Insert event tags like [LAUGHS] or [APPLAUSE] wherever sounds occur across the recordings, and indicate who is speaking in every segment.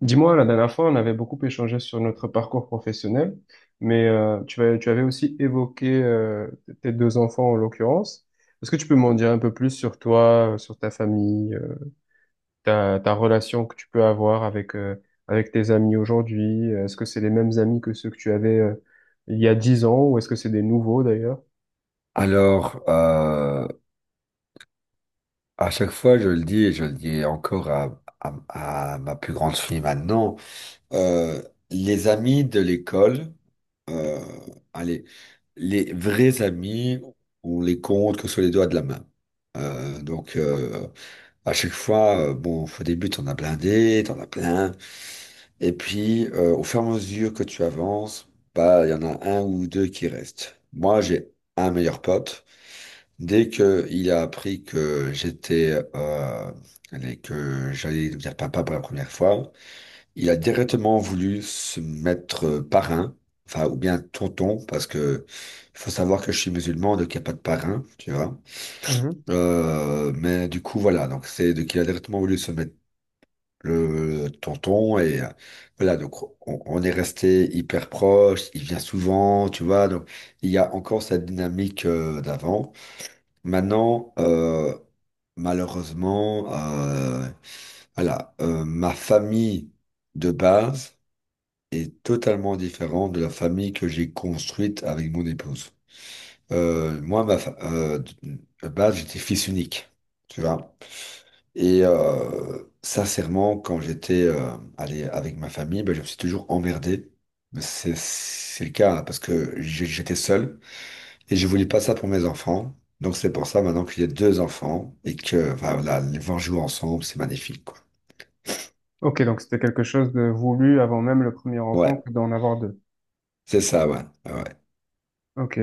Speaker 1: Dis-moi, la dernière fois, on avait beaucoup échangé sur notre parcours professionnel, mais tu avais aussi évoqué tes deux enfants en l'occurrence. Est-ce que tu peux m'en dire un peu plus sur toi, sur ta famille, ta, ta relation que tu peux avoir avec, avec tes amis aujourd'hui? Est-ce que c'est les mêmes amis que ceux que tu avais il y a 10 ans ou est-ce que c'est des nouveaux d'ailleurs?
Speaker 2: Alors, à chaque fois, je le dis et je le dis encore à ma plus grande fille maintenant, euh, les amis de l'école, euh, allez, les vrais amis, on les compte que sur les doigts de la main. Donc, à chaque fois, bon, au début, t'en as blindé, t'en as plein, et puis, au fur et à mesure que tu avances, bah, il y en a un ou deux qui restent. Moi, j'ai un meilleur pote. Dès que il a appris que j'étais et que j'allais devenir papa pour la première fois, il a directement voulu se mettre parrain, enfin ou bien tonton, parce que faut savoir que je suis musulman, donc il n'y a pas de parrain, tu vois.
Speaker 1: Mhm.
Speaker 2: Mais du coup voilà, donc c'est donc il a directement voulu se mettre le tonton et voilà donc on est resté hyper proche. Il vient souvent, tu vois, donc il y a encore cette dynamique d'avant. Maintenant, malheureusement, voilà, ma famille de base est totalement différente de la famille que j'ai construite avec mon épouse. Moi, de base, j'étais fils unique, tu vois. Et sincèrement, quand j'étais allé avec ma famille, ben, je me suis toujours emmerdé. Mais c'est le cas, hein, parce que j'étais seul. Et je voulais pas ça pour mes enfants. Donc c'est pour ça maintenant qu'il y a deux enfants et que enfin, voilà, les voir jouer ensemble, c'est magnifique, quoi.
Speaker 1: Ok, donc c'était quelque chose de voulu avant même le premier enfant
Speaker 2: Ouais,
Speaker 1: que d'en avoir deux.
Speaker 2: c'est ça, ouais. Ah ouais,
Speaker 1: Ok.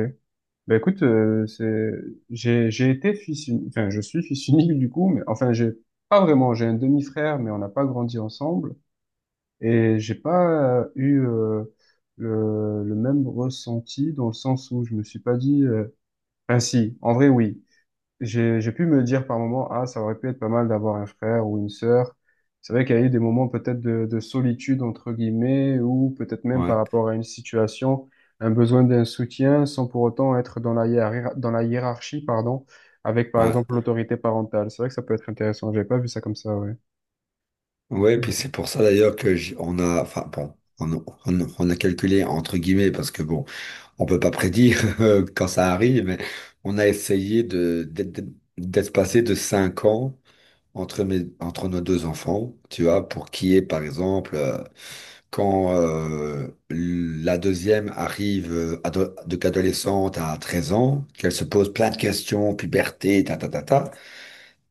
Speaker 1: Ben écoute, c'est, j'ai été fils unique, enfin, je suis fils unique du coup, mais enfin, j'ai pas vraiment, j'ai un demi-frère, mais on n'a pas grandi ensemble, et j'ai pas eu le même ressenti dans le sens où je me suis pas dit, enfin si, en vrai oui, j'ai pu me dire par moments, ah, ça aurait pu être pas mal d'avoir un frère ou une sœur. C'est vrai qu'il y a eu des moments peut-être de solitude, entre guillemets, ou peut-être même par
Speaker 2: ouais,
Speaker 1: rapport à une situation, un besoin d'un soutien sans pour autant être dans dans la hiérarchie, pardon, avec par
Speaker 2: ouais.
Speaker 1: exemple l'autorité parentale. C'est vrai que ça peut être intéressant. J'avais pas vu ça comme ça, ouais.
Speaker 2: Ouais, puis
Speaker 1: Mhm.
Speaker 2: c'est pour ça d'ailleurs que on a, enfin bon, on, on a calculé entre guillemets parce que bon, on peut pas prédire [LAUGHS] quand ça arrive, mais on a essayé d'être passé de 5 ans entre nos deux enfants, tu vois, pour qui est par exemple. Quand la deuxième arrive ado- de qu'adolescente à 13 ans, qu'elle se pose plein de questions, puberté, ta ta ta ta,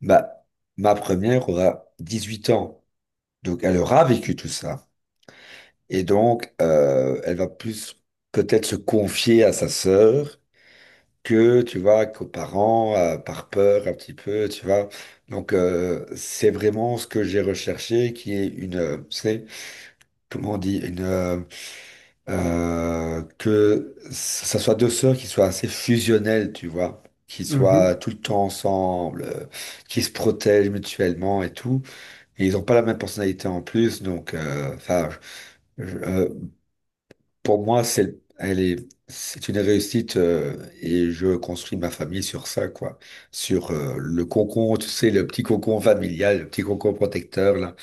Speaker 2: bah, ma première aura 18 ans. Donc elle aura vécu tout ça. Et donc elle va plus peut-être se confier à sa sœur que, tu vois, qu'aux parents, par peur un petit peu, tu vois. Donc c'est vraiment ce que j'ai recherché qui est une, tu comment on dit, une que ça soit deux sœurs qui soient assez fusionnelles, tu vois, qui soient
Speaker 1: Mhm.
Speaker 2: tout le temps ensemble, qui se protègent mutuellement et tout. Et ils n'ont pas la même personnalité en plus, donc enfin, je- je- euh, pour moi, c'est une réussite et je construis ma famille sur ça, quoi, sur le cocon, tu sais, le petit cocon familial, le petit cocon protecteur là.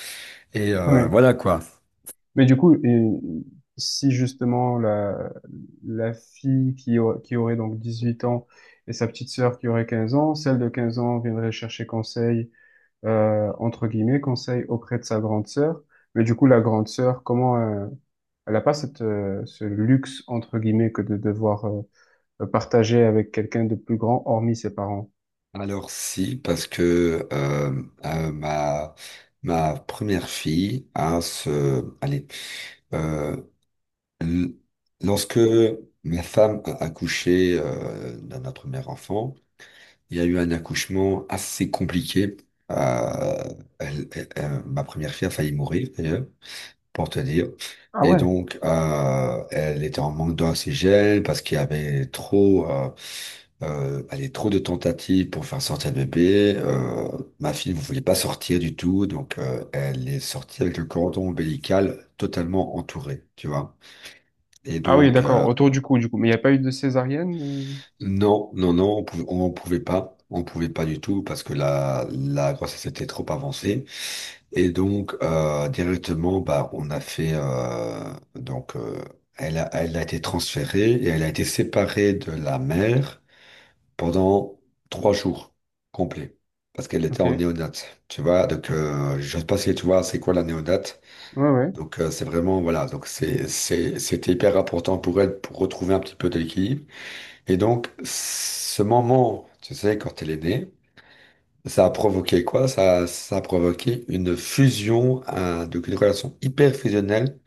Speaker 2: Et
Speaker 1: Ouais.
Speaker 2: voilà quoi.
Speaker 1: Mais du coup, et si justement la, la fille qui, qui aurait donc 18 ans et sa petite sœur qui aurait 15 ans, celle de 15 ans viendrait chercher conseil, entre guillemets, conseil auprès de sa grande sœur. Mais du coup, la grande sœur, comment, elle n'a pas cette, ce luxe, entre guillemets, que de devoir, partager avec quelqu'un de plus grand, hormis ses parents.
Speaker 2: Alors si, parce que ma première fille, hein, allez, euh, l- lorsque ma femme a accouché de notre premier enfant, il y a eu un accouchement assez compliqué. Euh, ma première fille a failli mourir, d'ailleurs, pour te dire.
Speaker 1: Ah
Speaker 2: Et
Speaker 1: ouais.
Speaker 2: donc, elle était en manque d'oxygène parce qu'il y avait trop. Allez, trop de tentatives pour faire sortir le bébé. Ma fille ne voulait pas sortir du tout, donc elle est sortie avec le cordon ombilical totalement entouré, tu vois. Et
Speaker 1: Ah oui,
Speaker 2: donc,
Speaker 1: d'accord, autour du coup, du coup. Mais il n'y a pas eu de césarienne?
Speaker 2: non, non, non, on pouvait pas. On pouvait pas du tout parce que la grossesse était trop avancée. Et donc, directement, bah, on a fait... donc, elle a été transférée et elle a été séparée de la mère, pendant trois jours complets. Parce qu'elle était en
Speaker 1: Ok.
Speaker 2: néonate, tu vois. Donc, je sais pas si tu vois, c'est quoi la néonate.
Speaker 1: Ouais, ouais.
Speaker 2: Donc, c'est vraiment, voilà. Donc, c'était hyper important pour elle pour retrouver un petit peu d'équilibre. Et donc, ce moment, tu sais, quand elle est née, ça a provoqué quoi? Ça a provoqué une fusion, donc une relation hyper fusionnelle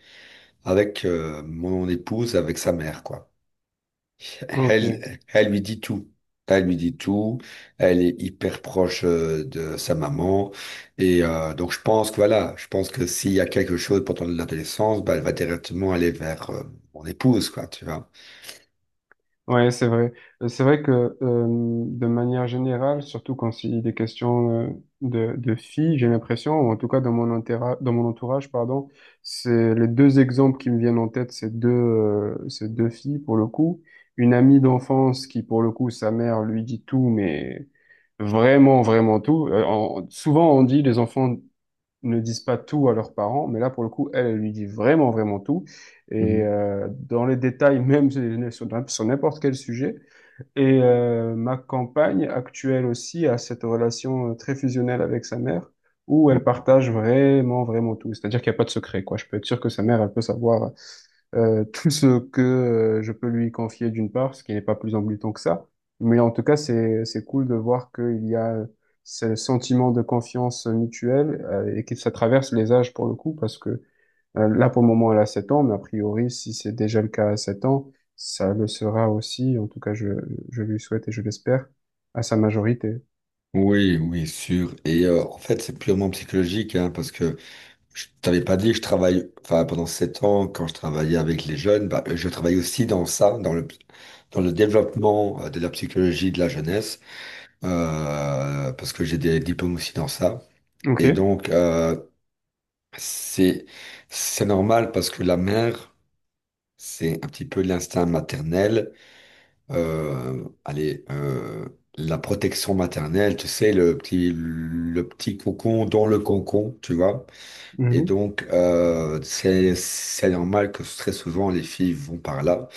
Speaker 2: avec mon épouse, avec sa mère, quoi.
Speaker 1: Ok.
Speaker 2: Elle, elle lui dit tout. Elle lui dit tout. Elle est hyper proche de sa maman. Et donc, je pense que voilà, je pense que s'il y a quelque chose pendant l'adolescence, bah, elle va directement aller vers mon épouse, quoi, tu vois.
Speaker 1: Ouais, c'est vrai. C'est vrai que euh, de manière générale, surtout quand il est question de filles, j'ai l'impression, ou en tout cas dans mon entourage, pardon, c'est les deux exemples qui me viennent en tête, c'est deux filles pour le coup. Une amie d'enfance qui pour le coup, sa mère lui dit tout, mais vraiment, vraiment tout. Souvent on dit les enfants ne disent pas tout à leurs parents, mais là, pour le coup, elle, elle lui dit vraiment, vraiment tout. Et
Speaker 2: Mhm.
Speaker 1: dans les détails, [LAUGHS] même sur n'importe quel sujet. Et ma compagne actuelle aussi a cette relation très fusionnelle avec sa mère, où elle partage vraiment, vraiment tout. C'est-à-dire qu'il n'y a pas de secret, quoi. Je peux être sûr que sa mère, elle peut savoir [LAUGHS] tout ce que je peux lui confier d'une part, ce qui n'est pas plus embêtant que ça. Mais en tout cas, c'est cool de voir qu'il y a ce sentiment de confiance mutuelle et que ça traverse les âges pour le coup, parce que là, pour le moment, elle a 7 ans, mais a priori, si c'est déjà le cas à 7 ans, ça le sera aussi, en tout cas, je lui souhaite et je l'espère, à sa majorité.
Speaker 2: Oui, oui, sûr. Et en fait, c'est purement psychologique, hein, parce que je t'avais pas dit, je travaille, enfin, pendant 7 ans, quand je travaillais avec les jeunes, bah, je travaille aussi dans ça, dans le développement de la psychologie de la jeunesse. Parce que j'ai des diplômes aussi dans ça.
Speaker 1: Ok.
Speaker 2: Et donc, c'est, c'est normal parce que la mère, c'est un petit peu l'instinct maternel. Allez, la protection maternelle, tu sais, le petit cocon dans le cocon, tu vois. Et
Speaker 1: Mhm.
Speaker 2: donc, c'est normal que très souvent les filles vont par là.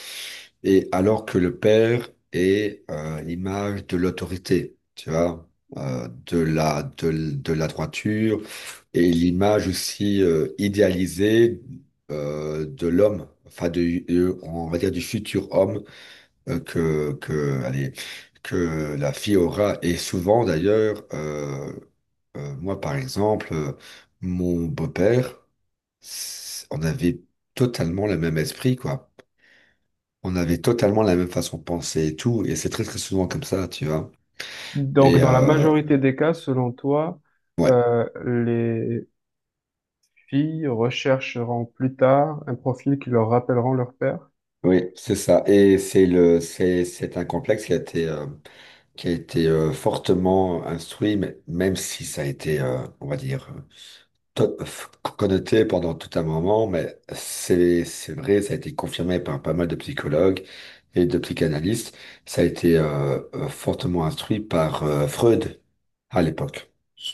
Speaker 2: Et alors que le père est l'image de l'autorité, tu vois, de la droiture, et l'image aussi idéalisée de l'homme, enfin, on va dire du futur homme allez, que la fille aura. Et souvent, d'ailleurs, moi, par exemple, mon beau-père, on avait totalement le même esprit, quoi. On avait totalement la même façon de penser et tout, et c'est très très souvent comme ça, tu vois.
Speaker 1: Donc,
Speaker 2: Et
Speaker 1: dans la majorité des cas, selon toi,
Speaker 2: ouais,
Speaker 1: les filles rechercheront plus tard un profil qui leur rappelleront leur père?
Speaker 2: oui, c'est ça. Et c'est un complexe qui a été fortement instruit, même si ça a été, on va dire, to- f- connoté pendant tout un moment, mais c'est vrai, ça a été confirmé par pas mal de psychologues et de psychanalystes. Ça a été fortement instruit par Freud à l'époque.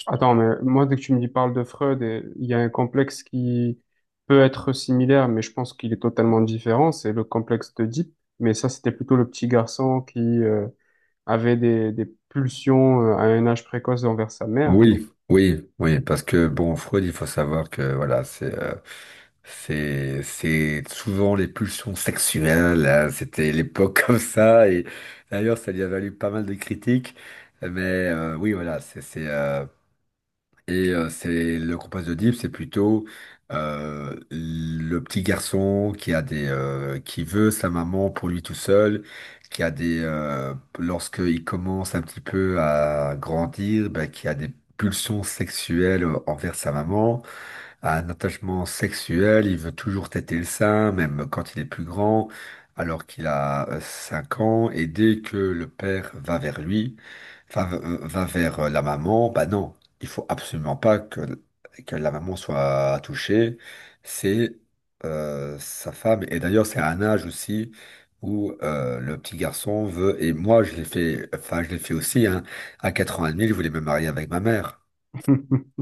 Speaker 1: Attends, mais moi, dès que tu me dis parle de Freud, et il y a un complexe qui peut être similaire, mais je pense qu'il est totalement différent, c'est le complexe d'Oedipe. Mais ça, c'était plutôt le petit garçon qui avait des pulsions à un âge précoce envers sa mère. Non.
Speaker 2: Oui, oui, oui, parce que bon, Freud, il faut savoir que voilà, c'est souvent les pulsions sexuelles, hein, c'était l'époque [LAUGHS] comme ça, et d'ailleurs, ça lui a valu pas mal de critiques, mais oui, voilà, c'est le compas de Deep. C'est plutôt le petit garçon qui a des qui veut sa maman pour lui tout seul, qui a des lorsqu'il commence un petit peu à grandir, bah, qui a des pulsions sexuelles envers sa maman, un attachement sexuel, il veut toujours têter le sein, même quand il est plus grand, alors qu'il a 5 ans, et dès que le père va vers lui, va vers la maman, bah non, il faut absolument pas que, la maman soit touchée, c'est sa femme, et d'ailleurs c'est à un âge aussi où le petit garçon veut, et moi je l'ai fait, enfin je l'ai fait aussi, hein, à 4 ans et demi, je voulais me marier avec ma mère,
Speaker 1: [LAUGHS]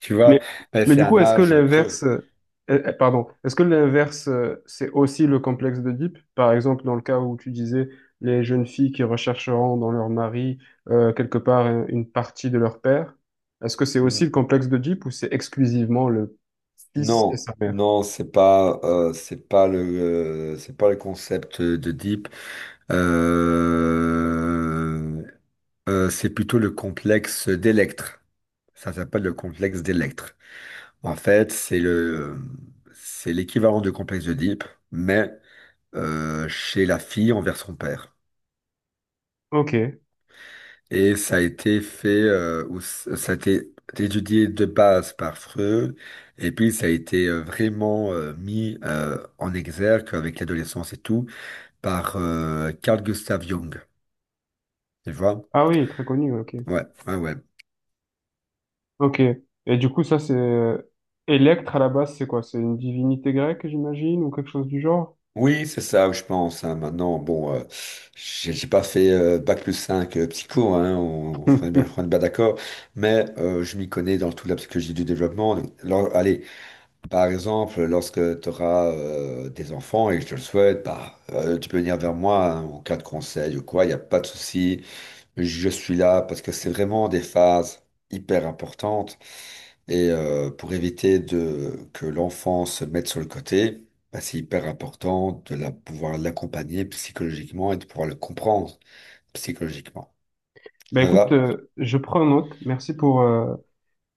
Speaker 2: tu vois,
Speaker 1: Mais,
Speaker 2: mais
Speaker 1: mais
Speaker 2: c'est
Speaker 1: du coup,
Speaker 2: un
Speaker 1: est-ce que
Speaker 2: âge creux.
Speaker 1: l'inverse, pardon, est-ce que l'inverse, c'est aussi le complexe d'Oedipe? Par exemple, dans le cas où tu disais les jeunes filles qui rechercheront dans leur mari quelque part une partie de leur père, est-ce que c'est aussi le complexe d'Oedipe ou c'est exclusivement le fils et
Speaker 2: Non,
Speaker 1: sa mère?
Speaker 2: non, c'est pas le concept de Deep. Euh, c'est plutôt le complexe d'Electre. Ça s'appelle le complexe d'Electre. En fait, c'est l'équivalent du complexe de Deep, mais chez la fille envers son père.
Speaker 1: Ok.
Speaker 2: Et ça a été fait, ça a été étudié de base par Freud, et puis ça a été vraiment mis en exergue avec l'adolescence et tout par Carl Gustav Jung. Tu vois?
Speaker 1: Ah oui, très connu, ok.
Speaker 2: Ouais, ouais, ouais.
Speaker 1: Ok. Et du coup, ça, c'est... Électre, à la base, c'est quoi? C'est une divinité grecque, j'imagine, ou quelque chose du genre?
Speaker 2: Oui, c'est ça, je pense, hein. Maintenant, bon, j'ai pas fait bac+5 psycho, hein, on est
Speaker 1: [LAUGHS]
Speaker 2: bien d'accord, mais je m'y connais dans toute la psychologie du développement. Alors, allez, par exemple, lorsque tu auras des enfants et que je te le souhaite, bah, tu peux venir vers moi hein, en cas de conseil ou quoi, il n'y a pas de souci. Je suis là parce que c'est vraiment des phases hyper importantes. Et pour éviter que l'enfant se mette sur le côté, bah, c'est hyper important pouvoir l'accompagner psychologiquement et de pouvoir le comprendre psychologiquement.
Speaker 1: Ben
Speaker 2: Ça
Speaker 1: écoute,
Speaker 2: va?
Speaker 1: je prends note. Merci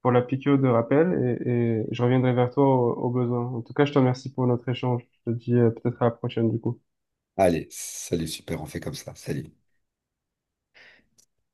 Speaker 1: pour la piqûre de rappel et je reviendrai vers toi au, au besoin. En tout cas, je te remercie pour notre échange. Je te dis peut-être à la prochaine du coup.
Speaker 2: Allez, salut, super, on fait comme ça. Salut.